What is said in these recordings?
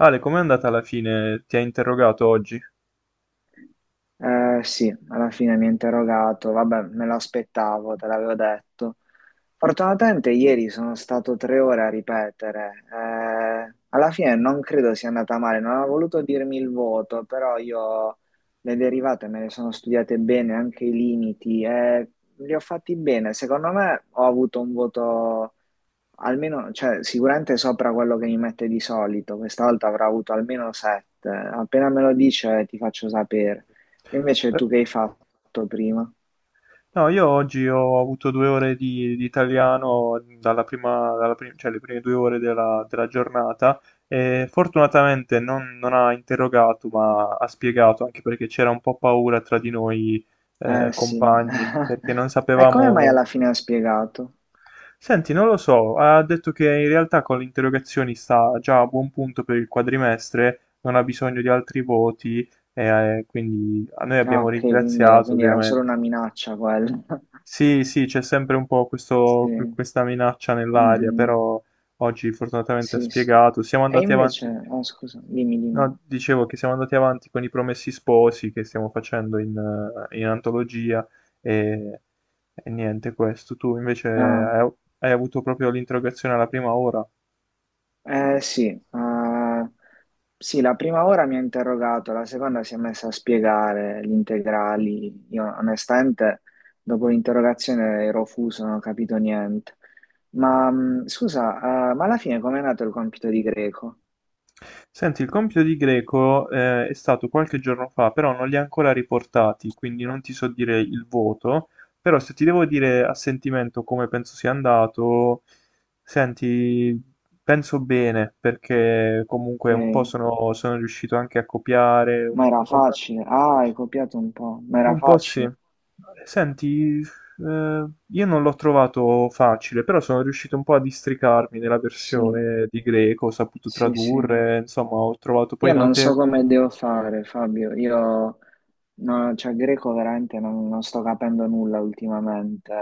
Ale, com'è andata alla fine? Ti ha interrogato oggi? Sì, alla fine mi ha interrogato, vabbè, me lo aspettavo, te l'avevo detto. Fortunatamente ieri sono stato tre ore a ripetere. Alla fine non credo sia andata male, non ha voluto dirmi il voto, però io le derivate me le sono studiate bene, anche i limiti, e li ho fatti bene. Secondo me ho avuto un voto almeno, cioè, sicuramente sopra quello che mi mette di solito. Questa volta avrò avuto almeno sette. Appena me lo dice, ti faccio sapere. Invece Beh, tu che hai fatto prima? no, io oggi ho avuto due ore di italiano dalla prima, cioè le prime due ore della, della giornata e fortunatamente non, non ha interrogato, ma ha spiegato, anche perché c'era un po' paura tra di noi Eh sì. compagni, perché non E come mai sapevamo. alla fine ha spiegato? Senti, non lo so, ha detto che in realtà con le interrogazioni sta già a buon punto per il quadrimestre, non ha bisogno di altri voti. Quindi a noi Ah, abbiamo ok, quindi, ringraziato quindi era solo ovviamente. una minaccia quella. Sì, sì, c'è sempre un po' Sì. Mm, questa minaccia nell'aria, mm. però oggi fortunatamente ha Sì, sì. spiegato. Siamo E andati invece... avanti. Ah scusa, dimmi. No, dicevo che siamo andati avanti con i Promessi Sposi che stiamo facendo in antologia e, e niente questo. Tu invece Ah. hai, hai avuto proprio l'interrogazione alla prima ora. Eh sì, sì, la prima ora mi ha interrogato, la seconda si è messa a spiegare gli integrali. Io onestamente dopo l'interrogazione ero fuso, non ho capito niente. Ma scusa, ma alla fine com'è nato il compito di greco? Senti, il compito di Greco, è stato qualche giorno fa, però non li ha ancora riportati, quindi non ti so dire il voto, però se ti devo dire a sentimento come penso sia andato, senti, penso bene, perché comunque un Eh, po' sono, sono riuscito anche a copiare, ma era un po'... facile. Ah, hai copiato un po', ma era Un po' sì. facile. Senti, io non l'ho trovato facile, però sono riuscito un po' a districarmi nella Sì, versione di greco, ho saputo sì, sì. tradurre, insomma, ho trovato poi Io non molte... so come devo fare, Fabio. Io, no, cioè, greco veramente non sto capendo nulla ultimamente.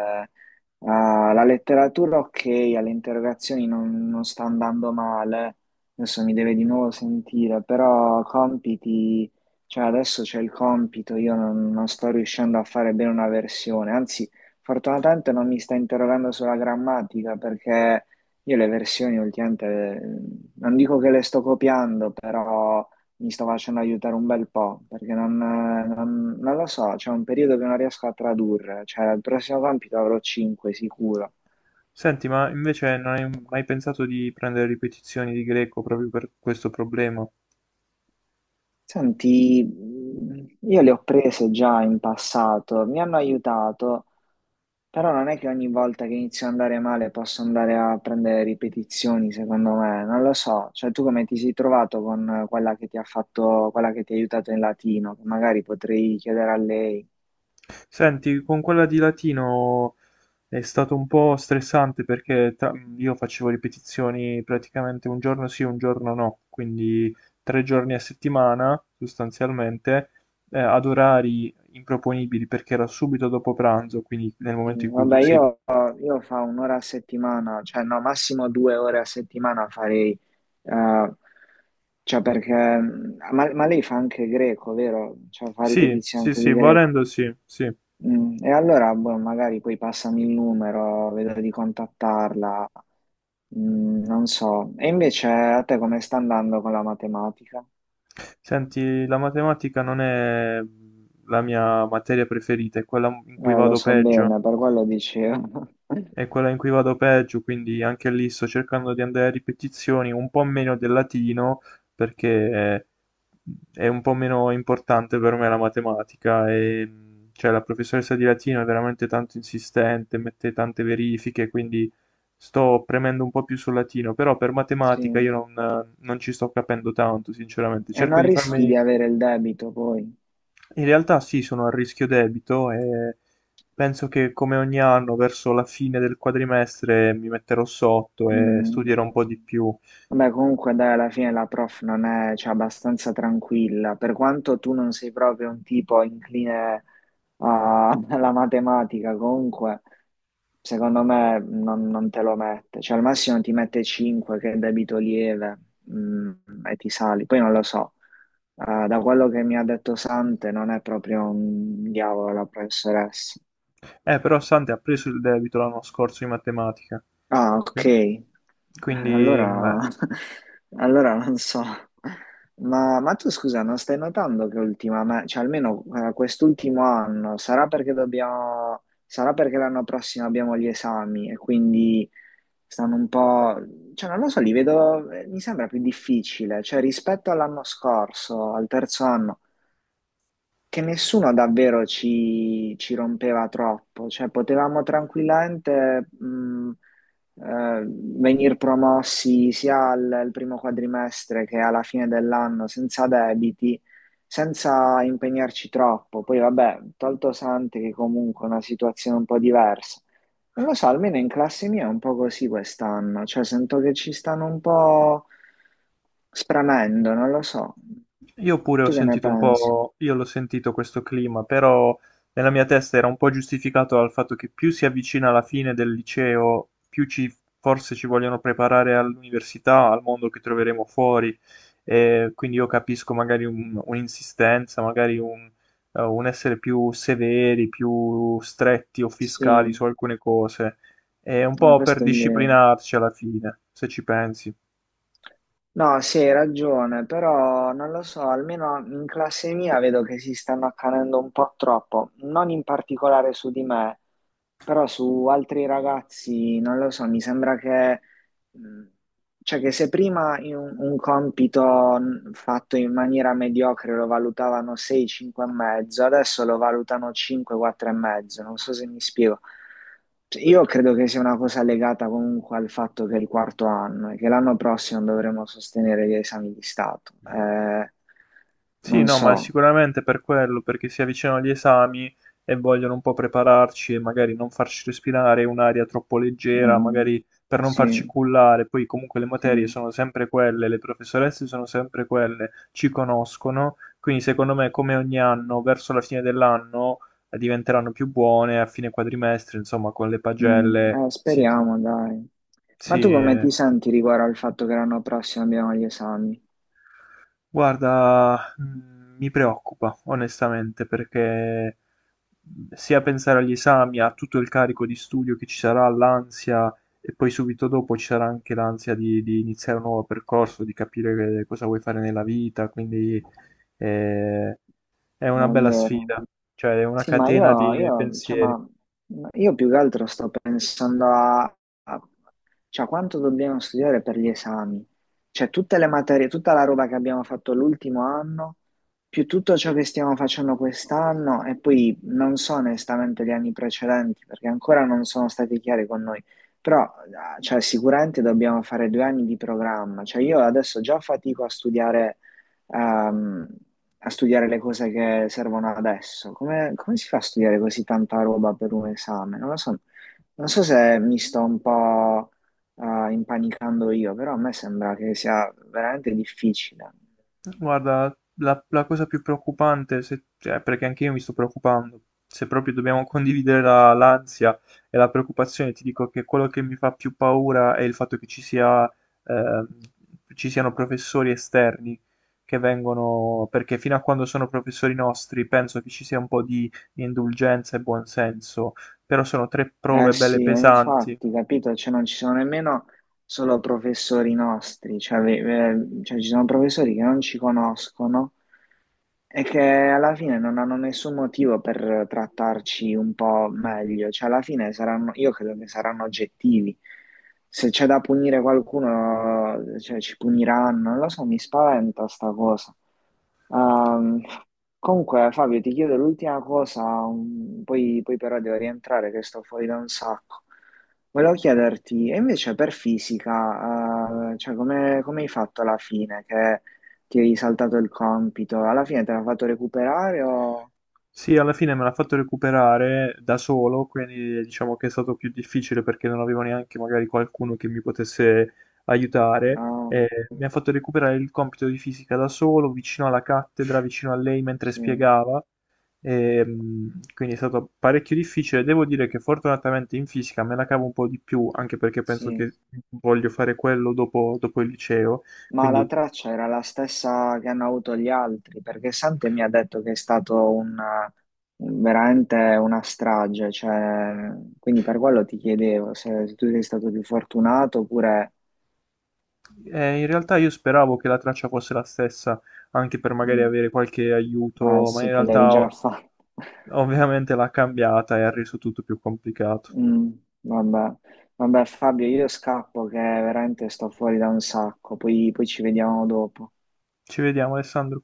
Ah, la letteratura, ok, alle interrogazioni non sta andando male. Adesso mi deve di nuovo sentire, però compiti, cioè, adesso c'è il compito. Io non, non sto riuscendo a fare bene una versione. Anzi, fortunatamente non mi sta interrogando sulla grammatica perché. Io le versioni ultimamente eh, non dico che le sto copiando, però mi sto facendo aiutare un bel po', perché non, non lo so, c'è un periodo che non riesco a tradurre, cioè il prossimo compito avrò 5 sicuro. Senti, ma invece non hai mai pensato di prendere ripetizioni di greco proprio per questo problema? Senti, io le ho prese già in passato, mi hanno aiutato, però non è che ogni volta che inizio ad andare male posso andare a prendere ripetizioni, secondo me, non lo so. Cioè, tu come ti sei trovato con quella che ti ha fatto, quella che ti ha aiutato in latino, che magari potrei chiedere a lei. Senti, con quella di latino è stato un po' stressante io facevo ripetizioni praticamente un giorno sì, un giorno no, quindi tre giorni a settimana sostanzialmente, ad orari improponibili perché era subito dopo pranzo, quindi nel Sì, momento in cui tu vabbè, sei... io fa un'ora a settimana, cioè no, massimo due ore a settimana farei, eh, cioè perché, ma lei fa anche greco, vero? Cioè fa Sì, ripetizioni sì, anche sì, di greco. volendo sì, sì. Mm, e allora, boh, magari poi passami il numero, vedo di contattarla. Mm, non so. E invece a te come sta andando con la matematica? Senti, la matematica non è la mia materia preferita, è quella in cui Lo vado so peggio. bene, per quello dicevo. È quella in cui vado peggio, quindi anche lì sto cercando di andare a ripetizioni, un po' meno del latino, perché è un po' meno importante per me la matematica e cioè, la professoressa di latino è veramente tanto insistente, mette tante verifiche, quindi sto premendo un po' più sul latino, però per matematica Sì. io non, non ci sto capendo tanto, sinceramente. E Cerco non di rischi farmi, di avere il debito poi. in realtà sì, sono a rischio debito e penso che come ogni anno verso la fine del quadrimestre mi metterò sotto e studierò Mm. un po' di più. Vabbè, comunque dai, alla fine la prof non è, cioè, abbastanza tranquilla, per quanto tu non sei proprio un tipo incline alla matematica, comunque secondo me non te lo mette, cioè al massimo ti mette 5 che è debito lieve, mm, e ti sali, poi non lo so. Da quello che mi ha detto Sante non è proprio un diavolo la professoressa. Però Sante ha preso il debito l'anno scorso in matematica, Ah, ok. quindi, quindi, allora, meh. allora non so. Ma tu scusa, non stai notando che ultimamente, cioè almeno quest'ultimo anno, sarà perché dobbiamo, sarà perché l'anno prossimo abbiamo gli esami e quindi stanno un po', cioè non lo so, li vedo, mi sembra più difficile, cioè rispetto all'anno scorso, al terzo anno, che nessuno davvero ci rompeva troppo, cioè potevamo tranquillamente venir promossi sia al primo quadrimestre che alla fine dell'anno senza debiti, senza impegnarci troppo. Poi vabbè, tolto Sante che comunque è una situazione un po' diversa. Non lo so, almeno in classe mia è un po' così quest'anno, cioè sento che ci stanno un po' spremendo, non lo so. Io pure ho Tu che ne sentito un pensi? po', io l'ho sentito questo clima, però nella mia testa era un po' giustificato dal fatto che più si avvicina alla fine del liceo, più ci, forse ci vogliono preparare all'università, al mondo che troveremo fuori. E quindi io capisco magari un'insistenza, magari un essere più severi, più stretti o fiscali Sì, su alcune cose. È un po' per questo è vero. disciplinarci alla fine, se ci pensi. No, sì, hai ragione, però non lo so, almeno in classe mia vedo che si stanno accanendo un po' troppo, non in particolare su di me, però su altri ragazzi, non lo so, mi sembra che... Mm. Cioè che se prima in un compito fatto in maniera mediocre lo valutavano 6, 5 e mezzo, adesso lo valutano 5, 4 e mezzo, non so se mi spiego. Cioè, io credo che sia una cosa legata comunque al fatto che è il quarto anno e che l'anno prossimo dovremo sostenere gli esami di Stato. Sì, Non no, ma so. sicuramente per quello, perché si avvicinano gli esami e vogliono un po' prepararci e magari non farci respirare un'aria troppo leggera, Mm, magari per non farci sì, cullare. Poi comunque le materie sì. sono sempre quelle, le professoresse sono sempre quelle, ci conoscono, quindi secondo me come ogni anno, verso la fine dell'anno diventeranno più buone, a fine quadrimestre, insomma, con le Mm, pagelle. Sì, speriamo, dai. Ma sì, tu come ti eh. senti riguardo al fatto che l'anno prossimo abbiamo gli esami? Guarda, mi preoccupa onestamente perché sia pensare agli esami, a tutto il carico di studio che ci sarà, l'ansia e poi subito dopo ci sarà anche l'ansia di iniziare un nuovo percorso, di capire cosa vuoi fare nella vita, quindi eh, è una Non è bella vero? sfida, cioè è una Sì, ma catena di cioè, pensieri. ma io più che altro sto pensando a, a- cioè, quanto dobbiamo studiare per gli esami. Cioè, tutte le materie, tutta la roba che abbiamo fatto l'ultimo anno, più tutto ciò che stiamo facendo quest'anno, e poi non so onestamente gli anni precedenti, perché ancora non sono stati chiari con noi. Però, ah, cioè, sicuramente dobbiamo fare due anni di programma. Cioè, io adesso già fatico a studiare a, a studiare le cose che servono adesso. Come si fa a studiare così tanta roba per un esame? Non lo so, non so se mi sto un po' impanicando io, però a me sembra che sia veramente difficile. Guarda, la, la cosa più preoccupante, cioè, perché anche io mi sto preoccupando, se proprio dobbiamo condividere l'ansia e la preoccupazione, ti dico che quello che mi fa più paura è il fatto che ci sia, ehm, ci siano professori esterni che vengono, perché fino a quando sono professori nostri penso che ci sia un po' di indulgenza e buonsenso, però sono tre Eh prove belle sì, pesanti. infatti, capito, cioè non ci sono nemmeno solo professori nostri, cioè, cioè ci sono professori che non ci conoscono. È che alla fine non hanno nessun motivo per trattarci un po' meglio, cioè alla fine saranno, io credo che saranno oggettivi. Se c'è da punire qualcuno, cioè ci puniranno, non lo so, mi spaventa sta cosa. Ehm, comunque Fabio, ti chiedo l'ultima cosa, poi però devo rientrare che sto fuori da un sacco. Volevo chiederti, e invece per fisica, cioè come hai fatto alla fine? Che ti hai saltato il compito, alla fine te l'ha fatto recuperare o... Sì, alla fine me l'ha fatto recuperare da solo, quindi diciamo che è stato più difficile perché non avevo neanche magari qualcuno che mi potesse aiutare. No, Mi ha fatto recuperare il compito di fisica da solo, vicino alla cattedra, vicino a lei mentre sì, spiegava. Quindi è stato parecchio difficile. Devo dire che fortunatamente in fisica me la cavo un po' di più, anche perché penso sì. che voglio fare quello dopo, dopo il liceo. Ma la Quindi. traccia era la stessa che hanno avuto gli altri, perché Sante mi ha detto che è stato un, veramente una strage, cioè, quindi per quello ti chiedevo se tu sei stato più fortunato oppure... In realtà io speravo che la traccia fosse la stessa, anche per magari Mm, avere qualche eh aiuto, ma in sì, te l'eri realtà già fatta. ovviamente l'ha cambiata e ha reso tutto più complicato. Mm, vabbè. Vabbè Fabio, io scappo che veramente sto fuori da un sacco, poi ci vediamo dopo. Ci vediamo, Alessandro.